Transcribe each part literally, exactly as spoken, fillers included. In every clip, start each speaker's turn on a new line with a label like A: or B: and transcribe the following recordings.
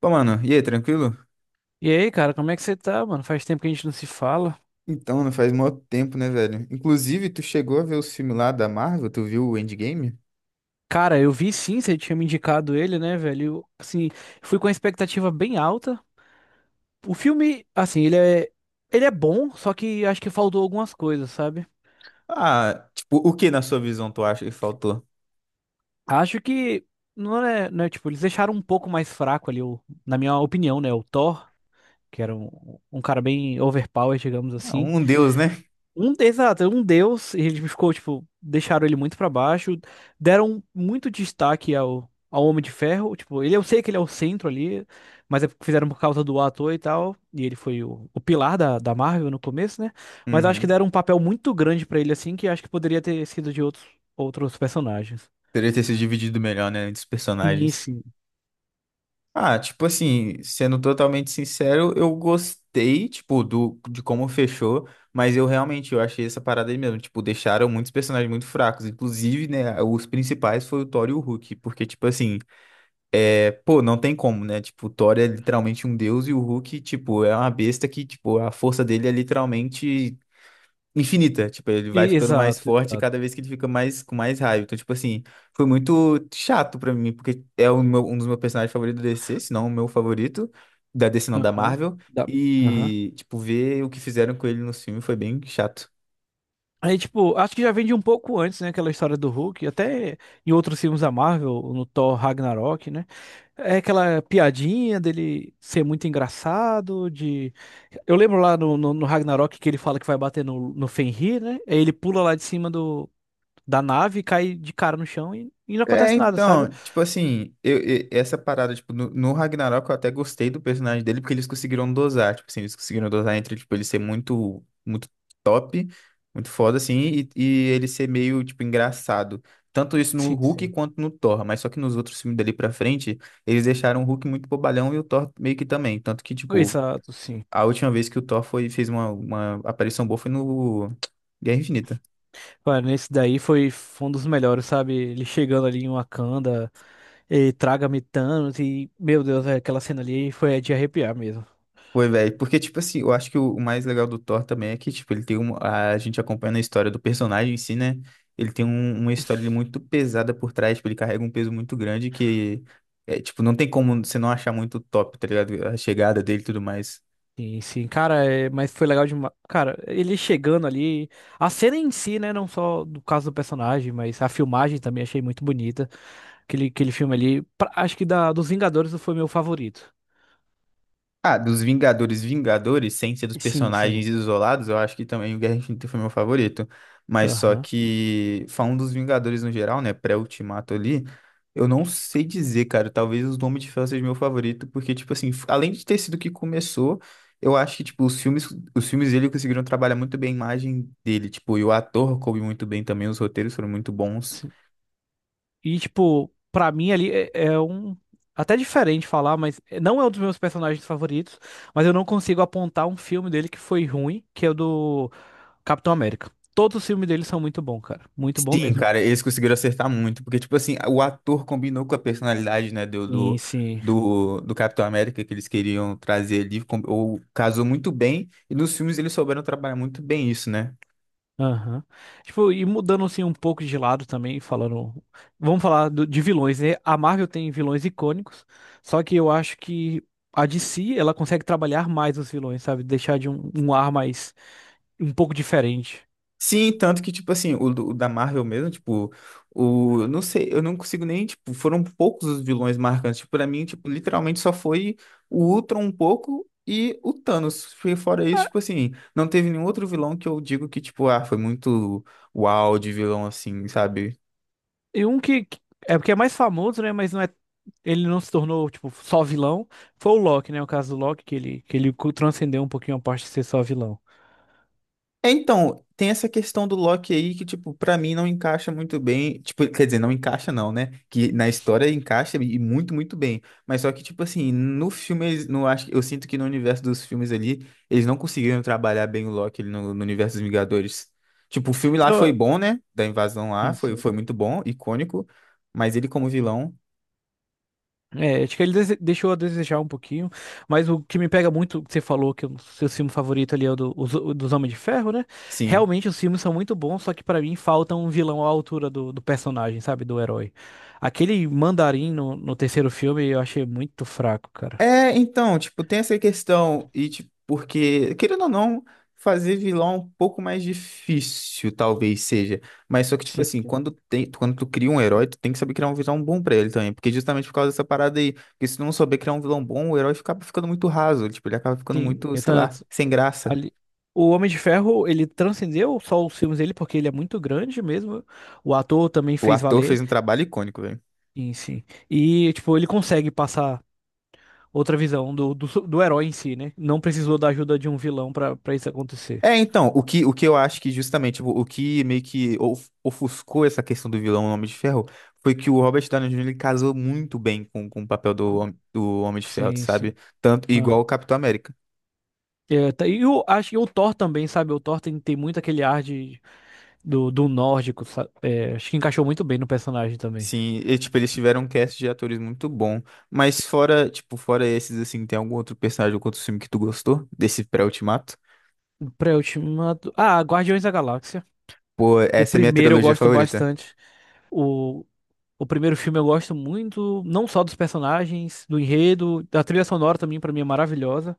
A: Pô, mano, e aí, tranquilo?
B: E aí, cara, como é que você tá, mano? Faz tempo que a gente não se fala.
A: Então, não faz mó tempo, né, velho? Inclusive, tu chegou a ver os filmes lá da Marvel? Tu viu o Endgame?
B: Cara, eu vi sim, você tinha me indicado ele, né, velho? Eu, assim, fui com a expectativa bem alta. O filme, assim, ele é, ele é bom, só que acho que faltou algumas coisas, sabe?
A: Ah, tipo, o que na sua visão tu acha que faltou?
B: Acho que não é, não é, tipo, eles deixaram um pouco mais fraco ali, o, na minha opinião, né, o Thor, que era um, um cara bem overpowered, digamos
A: Ah,
B: assim.
A: um deus, né?
B: Um, exato, um deus, e ele ficou, tipo, deixaram ele muito pra baixo, deram muito destaque ao, ao Homem de Ferro, tipo, ele, eu sei que ele é o centro ali, mas é porque fizeram por causa do ator e tal, e ele foi o, o pilar da, da Marvel no começo, né? Mas acho que
A: Uhum.
B: deram um papel muito grande pra ele, assim, que acho que poderia ter sido de outros, outros personagens.
A: Poderia ter sido dividido melhor, né, entre os
B: Sim,
A: personagens.
B: sim.
A: Ah, tipo assim, sendo totalmente sincero, eu gostei, tipo, do, de como fechou, mas eu realmente, eu achei essa parada aí mesmo, tipo, deixaram muitos personagens muito fracos, inclusive, né, os principais foi o Thor e o Hulk, porque, tipo assim, pô, não tem como, né? Tipo, o Thor é literalmente um deus e o Hulk, tipo, é uma besta que, tipo, a força dele é literalmente infinita. Tipo, ele vai
B: E-
A: ficando mais
B: Exato,
A: forte
B: exato.
A: cada vez que ele fica mais com mais raiva. Então, tipo assim, foi muito chato pra mim, porque é o meu- um dos meus personagens favoritos da D C, se não o meu favorito, da D C não, da
B: Aham.
A: Marvel.
B: Dá- Aham.
A: E, tipo, ver o que fizeram com ele no filme foi bem chato.
B: Aí, tipo, acho que já vem de um pouco antes, né? Aquela história do Hulk, até em outros filmes da Marvel, no Thor Ragnarok, né? É aquela piadinha dele ser muito engraçado, de... Eu lembro lá no, no, no Ragnarok que ele fala que vai bater no, no Fenrir, né? Aí ele pula lá de cima do, da nave, cai de cara no chão e, e não
A: É,
B: acontece nada, sabe?
A: então, tipo assim, eu, eu- essa parada, tipo, no, no Ragnarok eu até gostei do personagem dele, porque eles conseguiram dosar, tipo assim, eles conseguiram dosar entre, tipo, ele ser muito, muito top, muito foda, assim, e, e ele ser meio, tipo, engraçado. Tanto isso no
B: Sim,
A: Hulk
B: sim.
A: quanto no Thor, mas só que nos outros filmes dali pra frente, eles deixaram o Hulk muito bobalhão e o Thor meio que também. Tanto que, tipo,
B: Exato, sim.
A: a última vez que o Thor foi, fez uma, uma aparição boa foi no Guerra Infinita.
B: Olha, nesse daí foi, foi um dos melhores, sabe? Ele chegando ali em Wakanda, e traga-me Thanos e, meu Deus, é, aquela cena ali foi é de arrepiar mesmo.
A: Foi, velho. Porque, tipo assim, eu acho que o o mais legal do Thor também é que, tipo, ele tem um, a gente acompanha a história do personagem em si, né? Ele tem um- uma história muito pesada por trás, tipo, ele carrega um peso muito grande que, é, tipo, não tem como você não achar muito top, tá ligado? A chegada dele e tudo mais.
B: Sim, sim, cara, é, mas foi legal demais. Cara, ele chegando ali, a cena em si, né, não só do caso do personagem, mas a filmagem também achei muito bonita. Aquele, aquele filme ali, pra- acho que da, dos Vingadores foi meu favorito.
A: Ah, dos Vingadores, Vingadores, sem ser dos
B: Sim, sim.
A: personagens isolados, eu acho que também o Guerra Infinita foi meu favorito. Mas só
B: Aham.
A: que, falando dos Vingadores no geral, né, pré-Ultimato ali, eu não sei dizer, cara, talvez os Homem de Ferro seja meu favorito, porque, tipo assim, f- além de ter sido o que começou, eu acho que, tipo, os filmes, os filmes dele conseguiram trabalhar muito bem a imagem dele, tipo, e o ator coube muito bem também, os roteiros foram muito bons.
B: Sim. E, tipo, pra mim ali é, é um. Até diferente falar, mas não é um dos meus personagens favoritos. Mas eu não consigo apontar um filme dele que foi ruim, que é o do Capitão América. Todos os filmes dele são muito bons, cara. Muito bom
A: Sim,
B: mesmo.
A: cara, eles conseguiram acertar muito, porque, tipo assim, o ator combinou com a personalidade, né, do,
B: Sim,
A: do,
B: sim.
A: do, do Capitão América que eles queriam trazer ali, com- ou casou muito bem, e nos filmes eles souberam trabalhar muito bem isso, né?
B: Aham. Tipo, e mudando assim um pouco de lado também, falando, vamos falar do- de vilões, né? A Marvel tem vilões icônicos, só que eu acho que a D C, ela consegue trabalhar mais os vilões, sabe? Deixar de um, um ar mais, um pouco diferente.
A: Sim, tanto que, tipo assim, o, do- o da Marvel mesmo, tipo, o, eu não sei, eu não consigo nem, tipo, foram poucos os vilões marcantes. Tipo, pra mim, tipo, literalmente só foi o Ultron um pouco e o Thanos. Foi Fora isso, tipo assim, não teve nenhum outro vilão que eu digo que, tipo, ah, foi muito uau de vilão, assim, sabe?
B: E um que. que- é porque é mais famoso, né? Mas não é. Ele não se tornou, tipo, só vilão. Foi o Loki, né? O caso do Loki, que ele, que ele co- transcendeu um pouquinho a parte de ser só vilão.
A: É, então, tem essa questão do Loki aí que, tipo, pra mim não encaixa muito bem. Tipo, quer dizer, não encaixa não, né? Que na história encaixa e muito, muito bem. Mas só que, tipo assim, no filme, eles- no, acho, eu sinto que no universo dos filmes ali, eles não conseguiram trabalhar bem o Loki ali no, no universo dos Vingadores. Tipo, o filme lá foi
B: Então,
A: bom, né? Da invasão lá,
B: sim,
A: foi,
B: sim.
A: foi muito bom, icônico. Mas ele como vilão,
B: É, acho que ele dese- deixou a desejar um pouquinho, mas o que me pega muito, que você falou que o seu filme favorito ali é o do- os- o dos Homens de Ferro, né?
A: sim.
B: Realmente os filmes são muito bons, só que pra mim falta um vilão à altura do, do personagem, sabe? Do herói. Aquele mandarim no, no terceiro filme eu achei muito fraco, cara.
A: É, então, tipo, tem essa questão, e tipo, porque, querendo ou não, fazer vilão é um pouco mais difícil, talvez seja. Mas só que, tipo
B: Sim,
A: assim,
B: sim.
A: quando tem, quando tu cria um herói, tu tem que saber criar um vilão bom pra ele também. Porque justamente por causa dessa parada aí. Porque se tu não souber criar um vilão bom, o herói acaba ficando muito raso. Tipo, ele acaba ficando
B: Sim,
A: muito,
B: eu
A: sei
B: tam-
A: lá, sem graça.
B: Ali... O Homem de Ferro, ele transcendeu só os filmes dele, porque ele é muito grande mesmo. O ator também
A: O
B: fez
A: ator fez
B: valer
A: um trabalho icônico, velho.
B: em si. E, tipo, ele consegue passar outra visão do, do, su- do herói em si, né? Não precisou da ajuda de um vilão pra, pra isso acontecer.
A: É, então, o que, o que eu acho que justamente o, o que meio que of- ofuscou essa questão do vilão Homem de Ferro foi que o Robert Downey júnior ele casou muito bem com, com o papel do,
B: Co-
A: Hom- do Homem de Ferro,
B: Sim, sim.
A: sabe? Tanto igual
B: Aham.
A: o Capitão América.
B: É, tá- E eu acho que o Thor também, sabe? O Thor tem, tem muito aquele ar de, do, do nórdico, sabe? É, acho que encaixou muito bem no personagem também.
A: Sim, e, tipo, eles tiveram um cast de atores muito bom, mas fora, tipo, fora esses assim, tem algum outro personagem ou outro filme que tu gostou desse pré-ultimato?
B: Pré-ultimato. Ah, Guardiões da Galáxia.
A: Pô,
B: O
A: essa é a minha
B: primeiro eu
A: trilogia
B: gosto
A: favorita.
B: bastante. O, o primeiro filme eu gosto muito, não só dos personagens, do enredo, da trilha sonora também, pra mim é maravilhosa.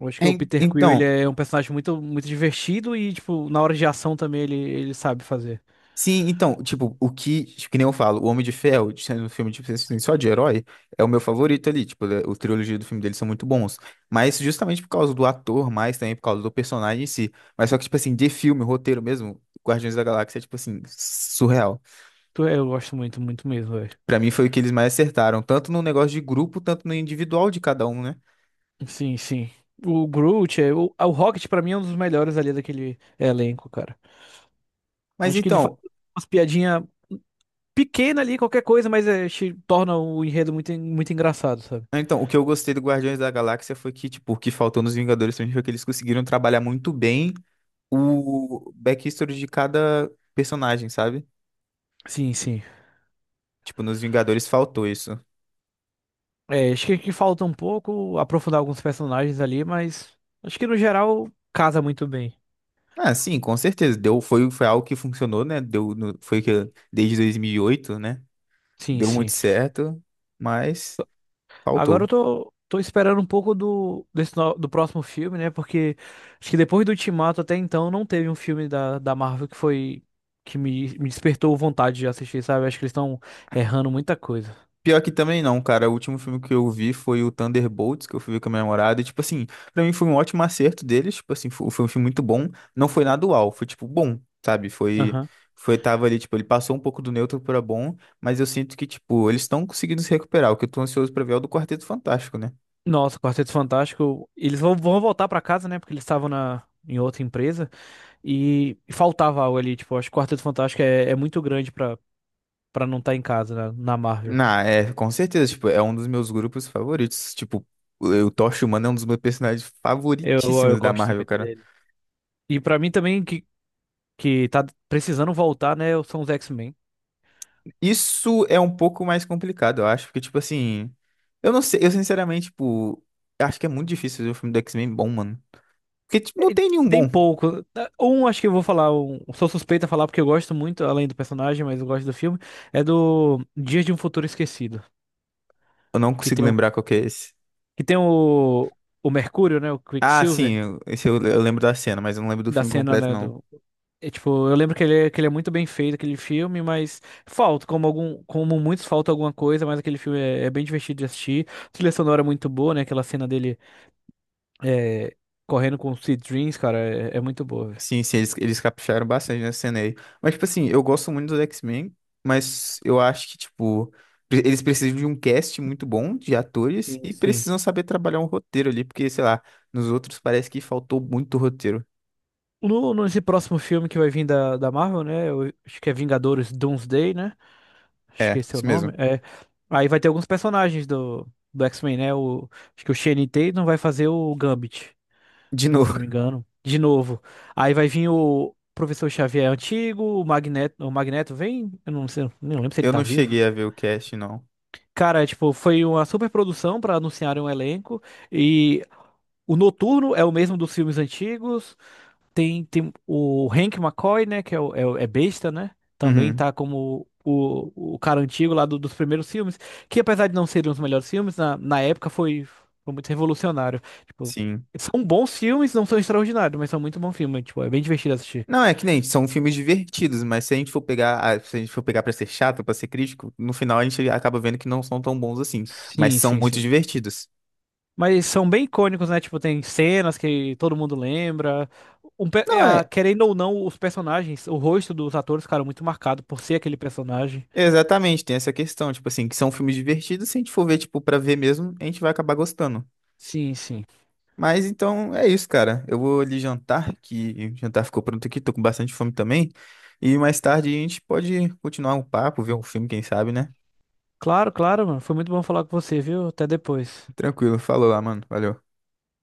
B: Eu acho que
A: É,
B: o
A: en-
B: Peter Quill, ele
A: então,
B: é um personagem muito, muito divertido e, tipo, na hora de ação também ele, ele sabe fazer.
A: Sim, então, tipo, o que, tipo, que nem eu falo, o Homem de Ferro, sendo um filme de, assim, só de herói, é o meu favorito ali, tipo, ele- o trilogia do filme dele são muito bons, mas justamente por causa do ator, mais também por causa do personagem em si, mas só que, tipo assim, de filme, roteiro mesmo, Guardiões da Galáxia é, tipo assim, surreal.
B: Tu- Eu gosto muito, muito mesmo, velho.
A: Pra mim foi o que eles mais acertaram, tanto no negócio de grupo, tanto no individual de cada um, né?
B: Sim, sim. O Groot, é, o, o Rocket pra mim é um dos melhores ali daquele elenco, cara.
A: Mas
B: Acho que ele faz
A: então,
B: umas piadinhas pequenas ali, qualquer coisa, mas é, te torna o enredo muito, en- muito engraçado, sabe?
A: então, o que eu gostei do Guardiões da Galáxia foi que, tipo, o que faltou nos Vingadores pra mim foi que eles conseguiram trabalhar muito bem o backstory de cada personagem, sabe?
B: Sim, sim.
A: Tipo, nos Vingadores faltou isso.
B: É, acho que, que falta um pouco aprofundar alguns personagens ali, mas acho que no geral casa muito bem.
A: Ah, sim, com certeza. Deu, foi, foi algo que funcionou, né? Deu, no- foi que desde dois mil e oito, né?
B: Sim,
A: Deu muito
B: sim.
A: certo, mas
B: Agora
A: faltou.
B: eu tô, tô esperando um pouco do, desse no- do próximo filme, né? Porque acho que depois do Ultimato até então não teve um filme da, da Marvel que foi que me, me despertou vontade de assistir, sabe? Acho que eles estão errando muita coisa.
A: Pior que também não, cara. O último filme que eu vi foi o Thunderbolts, que eu fui ver com a minha namorada. E, tipo assim, pra mim foi um ótimo acerto deles. Tipo assim, foi, foi um filme muito bom. Não foi nada uau, foi, tipo, bom, sabe? Foi,
B: Aham.
A: foi, tava ali, tipo, ele passou um pouco do neutro pra bom, mas eu sinto que, tipo, eles estão conseguindo se recuperar. O que eu tô ansioso pra ver é o do Quarteto Fantástico, né?
B: Nossa, Quarteto Fantástico. Eles vão, vão voltar pra casa, né? Porque eles estavam na, em outra empresa. E faltava algo ali, tipo, acho que o Quarteto Fantástico é, é muito grande pra pra não estar em casa, né, na Marvel.
A: Na, é, com certeza, tipo, é um dos meus grupos favoritos. Tipo, o o Tocha Humana é um dos meus personagens
B: Eu, eu
A: favoritíssimos da
B: gosto
A: Marvel,
B: muito
A: cara.
B: dele. E pra mim também, que, que tá precisando voltar, né, são os X-Men.
A: Isso é um pouco mais complicado, eu acho, porque, tipo assim, eu não sei, eu sinceramente, tipo, acho que é muito difícil ver um filme do X-Men bom, mano. Porque, tipo, não
B: E
A: tem nenhum
B: Tem
A: bom.
B: pouco. Um, acho que eu vou falar, um, sou suspeito a falar porque eu gosto muito, além do personagem, mas eu gosto do filme, é do Dias de um Futuro Esquecido,
A: Eu não
B: que
A: consigo
B: tem o,
A: lembrar qual que é esse.
B: que tem o, o Mercúrio, né, o
A: Ah, sim,
B: Quicksilver,
A: eu- esse eu, eu lembro da cena, mas eu não lembro do
B: da
A: filme
B: cena,
A: completo,
B: né,
A: não.
B: do. É, tipo, eu lembro que ele, é- que ele é muito bem feito, aquele filme, mas falta, como algum, como muitos, falta alguma coisa, mas aquele filme é, é bem divertido de assistir. A trilha sonora é muito boa, né? Aquela cena dele é, correndo com o Sweet Dreams, cara, é, é muito boa, velho.
A: Sim, sim, eles, eles capricharam bastante nessa cena aí. Mas, tipo assim, eu gosto muito dos X-Men, mas eu acho que, tipo, pre- eles precisam de um cast muito bom de atores
B: Sim,
A: e
B: sim.
A: precisam saber trabalhar um roteiro ali, porque, sei lá, nos outros parece que faltou muito roteiro.
B: No, nesse próximo filme que vai vir da, da Marvel, né? Eu acho que é Vingadores Doomsday, né? Acho
A: É,
B: que esse é o
A: isso
B: nome.
A: mesmo.
B: É, aí vai ter alguns personagens do, do X-Men, né? O, acho que o Channing Tatum vai fazer o Gambit,
A: De
B: se eu
A: novo,
B: não me engano. De novo. Aí vai vir o Professor Xavier antigo, o Magneto, o Magneto vem, eu não sei, nem lembro se ele
A: eu
B: tá
A: não
B: vivo.
A: cheguei a ver o cast, não.
B: Cara, tipo, foi uma super produção pra anunciarem um elenco e o Noturno é o mesmo dos filmes antigos. Tem, tem o Hank McCoy, né? Que é, o- é, o- é besta, né? Também
A: Uhum,
B: tá como o, o cara antigo lá do- dos primeiros filmes. Que apesar de não serem os melhores filmes, na, na época foi, foi muito revolucionário. Tipo,
A: sim.
B: são bons filmes, não são extraordinários, mas são muito bons filmes. Tipo, é bem divertido assistir.
A: Não, é que nem, são filmes divertidos, mas se a gente for pegar, ah, se a gente for pegar pra ser chato, pra ser crítico, no final a gente acaba vendo que não são tão bons assim, mas
B: Sim,
A: são
B: sim,
A: muito
B: sim.
A: divertidos.
B: Mas são bem icônicos, né? Tipo, tem cenas que todo mundo lembra. Um pe-
A: Não,
B: ah,
A: é,
B: querendo ou não, os personagens, o rosto dos atores ficaram muito marcado por ser aquele personagem.
A: exatamente, tem essa questão, tipo assim, que são filmes divertidos, se a gente for ver, tipo, pra ver mesmo, a gente vai acabar gostando.
B: Sim, sim.
A: Mas então é isso, cara. Eu vou ali jantar, que o jantar ficou pronto aqui, tô com bastante fome também. E mais tarde a gente pode continuar o papo, ver um filme, quem sabe, né?
B: Claro, claro, mano. Foi muito bom falar com você, viu? Até depois.
A: Tranquilo, falou lá, mano. Valeu.